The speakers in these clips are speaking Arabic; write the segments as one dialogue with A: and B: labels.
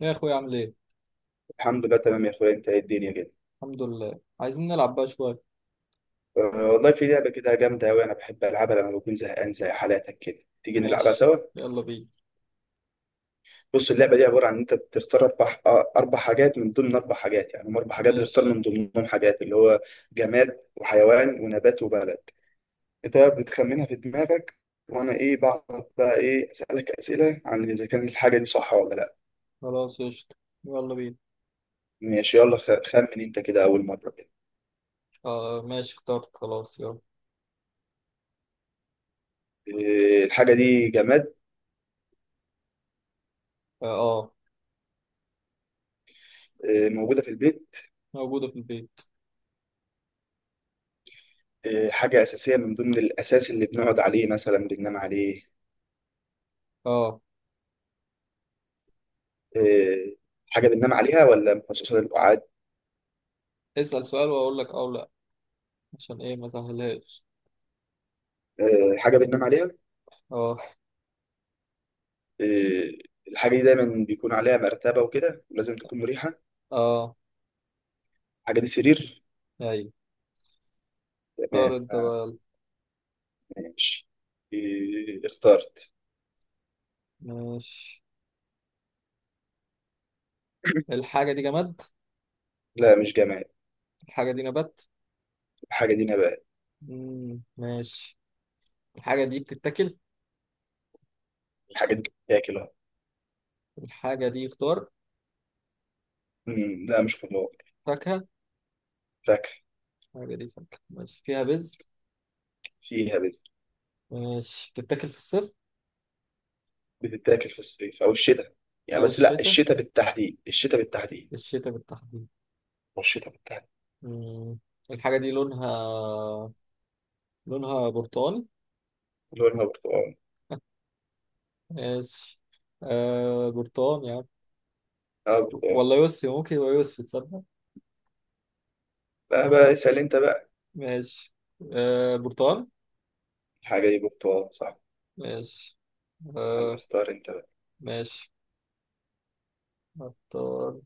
A: يا اخويا، عامل ايه؟
B: الحمد لله تمام يا اخويا. انت إيه الدنيا كده؟
A: الحمد لله. عايزين نلعب بقى شويه.
B: آه، والله في لعبه كده جامده قوي، انا بحب العبها لما بكون زهقان زي حالاتك كده. تيجي نلعبها
A: ماشي.
B: سوا؟
A: يلا بينا.
B: بص اللعبه دي عباره عن ان انت بتختار اربع اربع حاجات، من ضمن اربع حاجات يعني، هم اربع حاجات بتختار
A: ماشي،
B: من ضمنهم حاجات، اللي هو جماد وحيوان ونبات وبلد. انت بتخمنها في دماغك، وانا ايه بقعد بقى ايه اسالك اسئله عن اذا كان الحاجه دي صح ولا لا.
A: خلاص قشطة. يلا بينا.
B: ماشي يلا، خمن انت كده اول مره كده.
A: آه ماشي، اخترت خلاص. يلا.
B: الحاجه دي جماد؟
A: اه. آه،
B: موجوده في البيت؟
A: موجوده في البيت.
B: حاجة أساسية من ضمن الأساس اللي بنقعد عليه مثلا، بننام عليه.
A: اه،
B: إيه، حاجة بننام عليها ولا مخصصة للقعاد؟
A: اسأل سؤال واقول لك اه ولا. عشان ايه ما سهلهاش؟
B: حاجة بننام عليها.
A: اه،
B: إيه، الحاجة دي دايما بيكون عليها مرتبة وكده، لازم تكون مريحة.
A: اه،
B: الحاجة دي سرير.
A: ايوه. اختار
B: تمام
A: انت بقى يلا.
B: ماشي. اخترت.
A: ماشي. الحاجه دي جماد؟
B: لا مش جماد.
A: الحاجه دي نبات؟
B: الحاجة دي نبات.
A: مم. ماشي. الحاجه دي بتتاكل؟
B: الحاجة دي بتتاكل أهو.
A: الحاجه دي خضار؟
B: لا مش خضار.
A: فاكهه.
B: فاكهة.
A: الحاجه دي فاكهه. ماشي، فيها بذر؟
B: فيها بذر.
A: ماشي، بتتاكل في الصيف
B: بتتاكل في الصيف أو الشتاء، يعني
A: أو
B: بس لا
A: الشتاء.
B: الشتاء بالتحديد، الشتاء بالتحديد
A: الشتاء بالتحديد.
B: والشتاء بالتحديد.
A: مم. الحاجة دي لونها، لونها برتقاني.
B: اللي هو البرتقال.
A: ماشي. آه، برتقاني يعني.
B: اه بتاع.
A: ولا يوسفي؟ ممكن يبقى يوسفي، تصدق؟
B: لا بقى اسأل انت بقى.
A: ماشي. آه، برتقاني.
B: الحاجة دي برتقال صح.
A: ماشي. آه
B: يلا اختار انت بقى.
A: ماشي، اختار،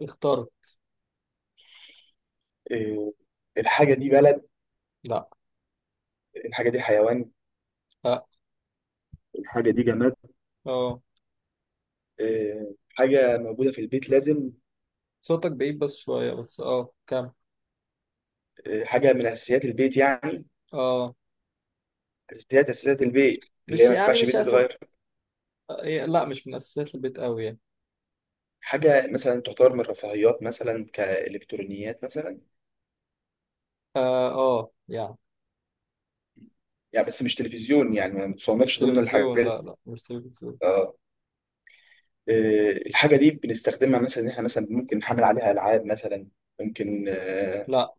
A: اختار.
B: إيه؟ الحاجة دي بلد؟
A: لا.
B: الحاجة دي حيوان؟
A: اه.
B: الحاجة دي جماد؟
A: اه.
B: إيه، حاجة موجودة في البيت لازم.
A: صوتك بعيد بس شوية، بس اه كم.
B: إيه، حاجة من أساسيات البيت يعني.
A: اه.
B: أساسيات البيت، اللي هي
A: مش
B: ما
A: يعني،
B: ينفعش بيت
A: مش أساس.
B: يتغير.
A: إيه، لا مش من أساسات البيت أوي يعني.
B: حاجة مثلا تعتبر من الرفاهيات، مثلا كإلكترونيات مثلا.
A: اه. آه، يعني.
B: يعني بس مش تلفزيون يعني، ما
A: مش
B: بتصنفش ضمن
A: تلفزيون،
B: الحاجات.
A: لا لا، مش تلفزيون.
B: اه. إيه، الحاجة دي بنستخدمها مثلا إن إحنا مثلا ممكن نحمل عليها ألعاب مثلا؟ ممكن
A: لا.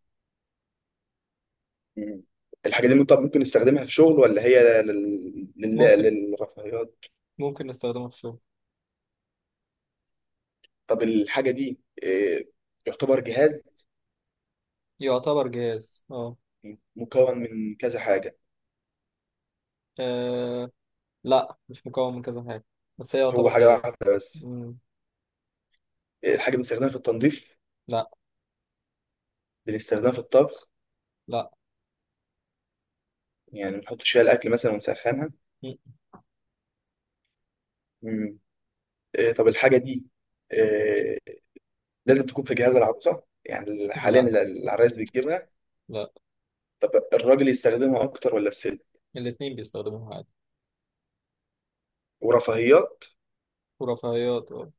B: مم. الحاجة دي طب ممكن نستخدمها في شغل ولا هي
A: ممكن،
B: للرفاهيات؟
A: ممكن نستخدمه في الشغل.
B: طب الحاجة دي إيه؟ يعتبر جهاز؟
A: يعتبر جهاز. اه.
B: مكون من كذا حاجة؟
A: آه، لا، مش مكون من كذا حاجة. بس هي
B: هو
A: يعتبر
B: حاجة
A: جهاز.
B: واحدة بس؟
A: مم.
B: إيه، الحاجة بنستخدمها في التنظيف؟
A: لا
B: بنستخدمها في الطبخ؟
A: لا.
B: يعني بنحط فيها الأكل مثلا ونسخنها؟
A: مم.
B: مم. إيه، طب الحاجة دي إيه؟ لازم تكون في جهاز العروسة يعني، حاليا
A: لا
B: العرايس بتجيبها؟
A: لا.
B: طب الراجل يستخدمها أكتر ولا الست؟
A: الاتنين بيستخدموها عادي.
B: ورفاهيات.
A: ورفاهيات، اه.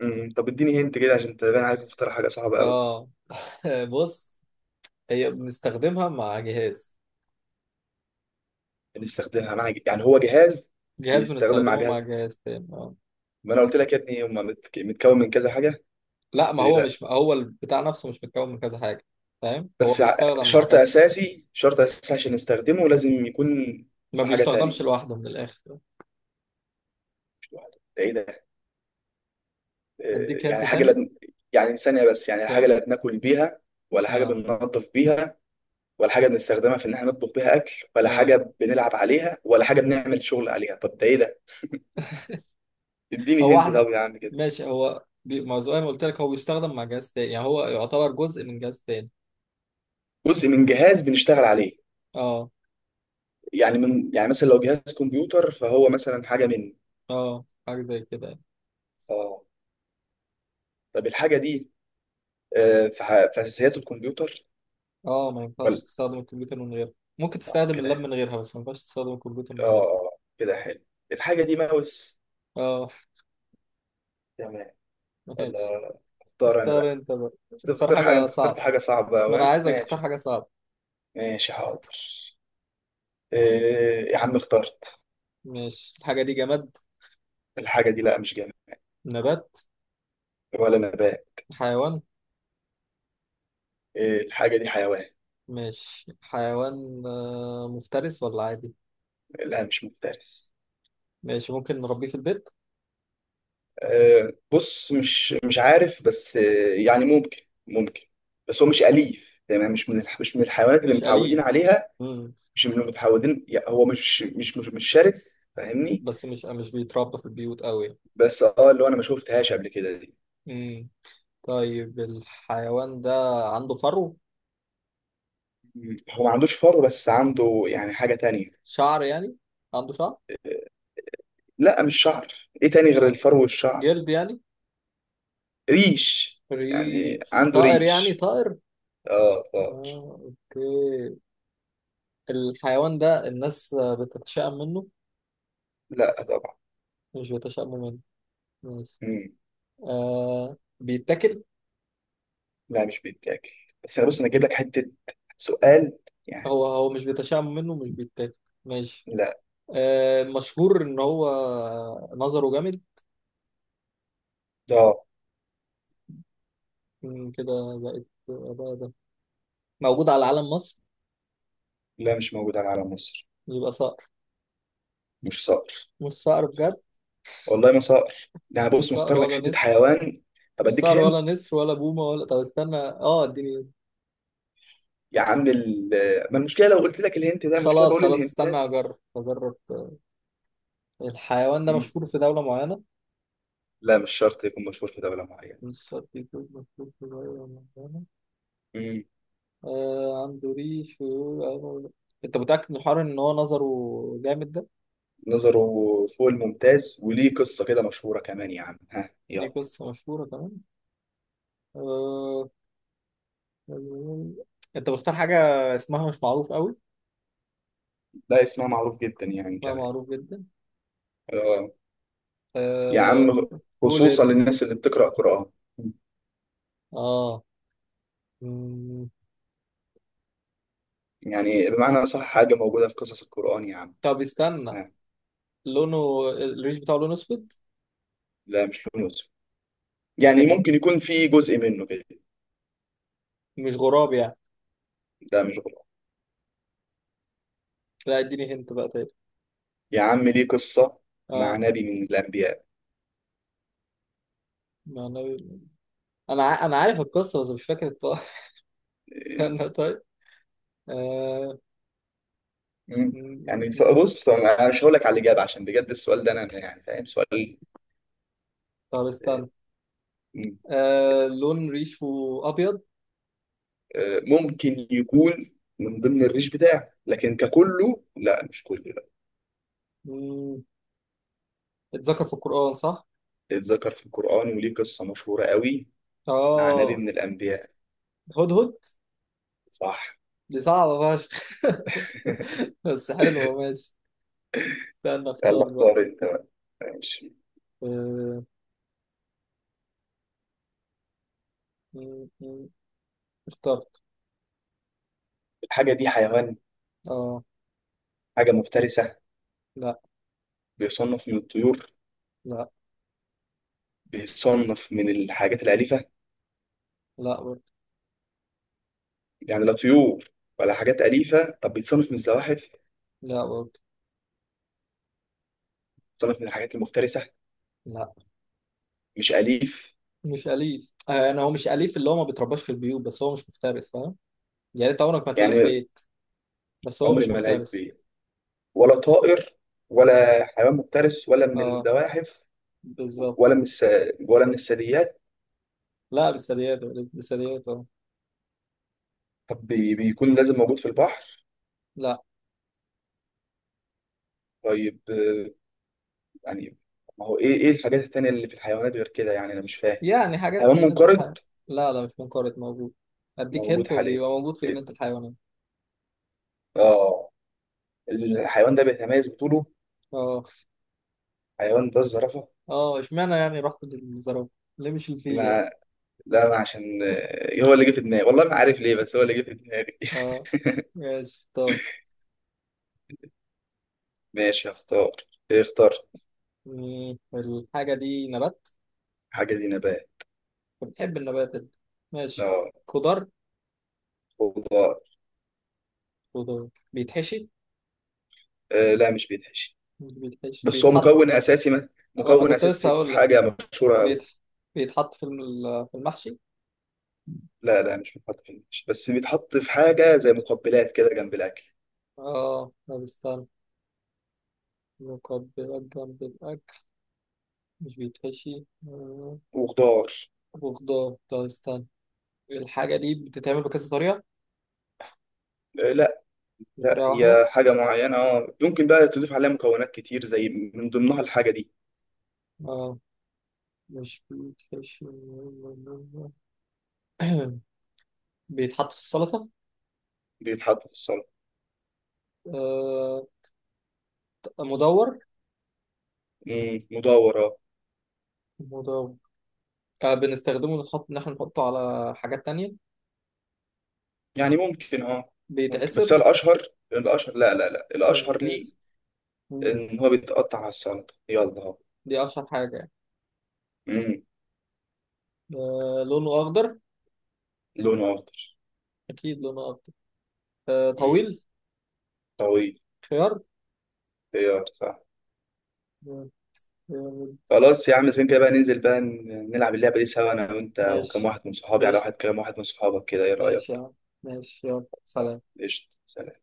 B: مم. طب اديني هنت كده، عشان تبان عليك مختار حاجة صعبة أوي.
A: آه. بص. هي بنستخدمها مع جهاز.
B: بنستخدمها مع، يعني هو جهاز.
A: جهاز
B: بيستخدم مع
A: بنستخدمه مع
B: جهاز.
A: جهاز تاني، اه.
B: ما انا قلت لك يا ابني هم متكون من كذا حاجه، قلت
A: لا، ما
B: لي
A: هو
B: لا.
A: مش هو البتاع نفسه، مش متكون من كذا حاجة. فاهم، هو
B: بس
A: بيستخدم مع
B: شرط
A: كذا.
B: اساسي، شرط اساسي عشان نستخدمه لازم يكون
A: ما
B: في حاجه
A: بيستخدمش
B: تانية.
A: لوحده من الآخر.
B: مش لوحده، ده ايه ده؟
A: أديك هنت
B: يعني حاجه
A: تاني.
B: لا، يعني ثانيه بس يعني، حاجه
A: كام.
B: لا بناكل بيها ولا حاجه
A: اه،
B: بننظف بيها ولا حاجه بنستخدمها في ان احنا نطبخ بيها اكل، ولا
A: اه.
B: حاجه بنلعب عليها، ولا حاجه بنعمل شغل عليها، طب ده ايه ده؟ اديني
A: هو
B: هنت
A: احنا
B: طب يا عم كده.
A: ماشي، ما زي ما قلت لك، هو بيستخدم مع جهاز تاني، يعني هو يعتبر جزء من جهاز تاني.
B: جزء من جهاز بنشتغل عليه؟
A: اه.
B: يعني من، يعني مثلا لو جهاز كمبيوتر فهو مثلا حاجه مني؟
A: اه، حاجة زي كده يعني.
B: اه. طب الحاجه دي في في اساسيات الكمبيوتر
A: اه، ما ينفعش
B: ولا؟
A: تستخدم الكمبيوتر من غيرها. ممكن تستخدم اللاب
B: كده.
A: من غيرها، بس ما ينفعش تستخدم الكمبيوتر من غيرها.
B: اه كده حلو. الحاجه دي ماوس.
A: اه.
B: تمام
A: ماشي،
B: ولا؟ اختار انا
A: اختار
B: بقى.
A: انت بقى.
B: بس
A: اختار
B: تختار حاجه،
A: حاجة
B: انت
A: صعبة.
B: اخترت حاجه صعبه
A: ما انا
B: قوي.
A: عايزك تختار
B: ماشي،
A: حاجة صعبة.
B: ماشي حاضر. يا عم اخترت.
A: ماشي. الحاجة دي جماد؟
B: الحاجه دي لا مش جماد.
A: نبات؟
B: ولا نبات.
A: حيوان؟
B: الحاجه دي حيوان.
A: ماشي، حيوان. مفترس ولا عادي؟
B: لا مش مفترس.
A: ماشي، ممكن نربيه في البيت؟
B: بص مش عارف، بس يعني ممكن، ممكن. بس هو مش أليف، تمام، مش من مش من الحيوانات اللي
A: مش
B: متعودين
A: أليف.
B: عليها،
A: مم.
B: مش من اللي متعودين، يعني هو مش شرس، فاهمني؟
A: بس مش بيتربى في البيوت قوي.
B: بس اه اللي هو انا ما شفتهاش قبل كده دي.
A: مم. طيب، الحيوان ده عنده فرو؟
B: مم. هو ما عندوش فر، بس عنده يعني حاجة تانية.
A: شعر يعني، عنده شعر؟
B: لا مش شعر. ايه تاني غير
A: آه.
B: الفر والشعر؟
A: جلد يعني.
B: ريش. يعني
A: ريش،
B: عنده
A: طائر يعني،
B: ريش.
A: طائر.
B: اه اه.
A: آه. اوكي. الحيوان ده الناس بتتشائم منه؟
B: لا طبعا.
A: مش بيتشائموا منه. ماشي.
B: مم.
A: آه. بيتاكل؟
B: لا مش بيتاكل. بس انا بص، انا اجيب لك حتة سؤال يعني.
A: هو مش بيتشائم منه، مش بيتاكل. ماشي.
B: لا.
A: آه. مشهور ان هو نظره جامد.
B: اه.
A: مم، كده. بقت بقى ده. موجود على علم مصر؟
B: لا مش موجود على علم مصر.
A: يبقى صقر.
B: مش صقر.
A: مش صقر بجد؟
B: والله ما صقر. لا
A: مش
B: بص،
A: صقر
B: مختار لك
A: ولا
B: حته
A: نسر.
B: حيوان. طب
A: مش
B: اديك
A: صار ولا
B: هنت.
A: نسر ولا بومة ولا، طب استنى، اه، اديني.
B: يا عم ما المشكله لو قلت لك الهنت ده؟ مشكله
A: خلاص
B: بقول
A: خلاص، استنى
B: الهنتات.
A: اجرب اجرب. الحيوان ده
B: مم.
A: مشهور في دولة معينة؟
B: لا مش شرط يكون مشهور في دوله معينه.
A: مش شرط يكون مشهور في دولة معينة.
B: مم.
A: آه، عنده ريش ويقول. انت متأكد من الحوار ان هو نظره جامد ده؟
B: نظره فوق الممتاز، وليه قصه كده مشهوره كمان، يا عم ها
A: دي
B: يلا.
A: قصة مشهورة كمان. آه... انت بختار حاجة اسمها مش معروف قوي؟
B: لا اسمها معروف جدا يعني
A: اسمها
B: كمان.
A: معروف جدا.
B: اه يا
A: آه...
B: عم،
A: قول
B: خصوصا
A: انت.
B: للناس اللي بتقرا قران.
A: اه. مم.
B: يعني بمعنى صح، حاجه موجوده في قصص القران يا عم
A: طب استنى.
B: ها.
A: لونه، الريش بتاعه، لون اسود؟
B: لا مش يوسف.
A: ايه ده.
B: يعني ممكن يكون في جزء منه كده.
A: مش غراب يعني؟
B: ده مش غلط.
A: لا، اديني هنت بقى تاني.
B: يا عم، ليه قصة مع
A: اه.
B: نبي من الأنبياء.
A: مع النبي. انا عارف القصه، بس مش فاكر الطائر. استنى طيب. آه...
B: مم.
A: م- م-
B: يعني
A: م.
B: بص أنا مش هقول لك على الإجابة، عشان بجد السؤال ده أنا يعني فاهم سؤال.
A: طب استنى.
B: مم.
A: لون ريشه ابيض؟
B: ممكن يكون من ضمن الريش بتاعه، لكن ككله لا مش كله لا.
A: م، اتذكر في القران، صح؟
B: اتذكر في القرآن، وليه قصة مشهورة قوي مع نبي
A: اه.
B: من الأنبياء.
A: هدهد.
B: صح.
A: دي صعبه فشخ. بس حلوه. ماشي. استنى،
B: يلا
A: اختار بقى.
B: اختار أنت بقى. ماشي.
A: آه... م- م. اخترت.
B: الحاجة دي حيوان؟
A: اه.
B: حاجة مفترسة؟
A: لا.
B: بيصنف من الطيور؟
A: لا.
B: بيصنف من الحاجات الأليفة؟
A: لا برضه.
B: يعني لا طيور ولا حاجات أليفة؟ طب بيتصنف من الزواحف؟
A: لا برضه.
B: بيتصنف من الحاجات المفترسة؟
A: لا،
B: مش أليف
A: مش أليف. أنا، هو مش أليف، اللي هو ما بيترباش في البيوت، بس هو مش مفترس، فاهم. يعني أنت عمرك ما هتلاقيه في
B: يعني.
A: بيت. بس هو
B: عمري
A: مش
B: ما لعب
A: مفترس.
B: بيه. ولا طائر ولا حيوان مفترس ولا من
A: أه.
B: الزواحف ولا
A: بالظبط.
B: من ولا من الثدييات.
A: لا، بثدييات. بثدييات، أه.
B: طب بيكون لازم موجود في البحر؟
A: لا.
B: طيب يعني ما هو ايه، ايه الحاجات التانية اللي في الحيوانات غير كده يعني، انا مش فاهم.
A: يعني حاجات
B: حيوان
A: في جنينة
B: منقرض؟
A: الحيوان. لا لا، مش منقرض، موجود. أديك
B: موجود
A: هنت،
B: حاليا؟
A: وبيبقى موجود في
B: إيه؟
A: جنينة الحيوانات.
B: اه. الحيوان ده بيتميز بطوله.
A: أه.
B: حيوان ده الزرافة؟
A: أه، إشمعنى يعني رحت للزرافة؟ ليه مش الفيل يعني؟
B: ما لا انا عشان هو اللي جه في دماغي، والله ما عارف ليه، بس هو اللي جه في دماغي.
A: أه. ماشي، طب.
B: ماشي هختار. إيه اخترت.
A: مم، الحاجة دي نبات؟
B: حاجه دي نبات.
A: بتحب النبات أنت. ماشي.
B: لا.
A: خضار؟
B: خضار.
A: خضار بيتحشي؟
B: لا مش بيتحشي.
A: مش بيتحشي،
B: بس هو
A: بيتحط.
B: مكون اساسي، ما
A: وانا
B: مكون
A: كنت لسه
B: اساسي في
A: هقول لك.
B: حاجه مشهوره قوي.
A: بيتح... بيتحط في المحشي.
B: لا مش بيتحط في المحشي، بس بيتحط في حاجه زي مقبلات كده جنب الاكل.
A: اه، ما بيستنى. مقبلات جنب الاكل. مش بيتحشي.
B: وخضار.
A: وخضار. ده، استنى. الحاجه دي بتتعمل بكذا طريقه؟
B: لا. لا
A: بطريقه واحده؟
B: هي حاجه معينه، اه ممكن بقى تضيف عليها مكونات كتير، زي من ضمنها الحاجه دي.
A: اه. مش بيتحشي. بيتحط في السلطه.
B: بيتحط في السلطه.
A: آه. مدور.
B: مم، مدور.
A: مدور. آه، بنستخدمه، ان احنا نحطه على حاجات تانية.
B: يعني ممكن، اه ممكن، بس
A: بيتعسر؟
B: هو الاشهر. الاشهر لا لا لا
A: مش
B: الاشهر ليه
A: بيتعسر. مم.
B: ان هو بيتقطع على السلطه، يلا اهو.
A: دي اشهر حاجه يعني.
B: امم،
A: آه، لونه اخضر؟
B: لونه اخضر.
A: اكيد لونه اكتر. آه،
B: امم،
A: طويل؟
B: طويل.
A: خيار.
B: خيار، صح.
A: آه. آه.
B: خلاص يا عم، زين كده بقى، ننزل بقى نلعب اللعبه دي سوا، انا وانت وكم
A: ماشي
B: واحد من صحابي على
A: ماشي
B: واحد، كام واحد من صحابك كده، ايه
A: ماشي يا
B: رايك؟
A: عم. ماشي، يلا،
B: آه،
A: سلام.
B: قشطه سلام.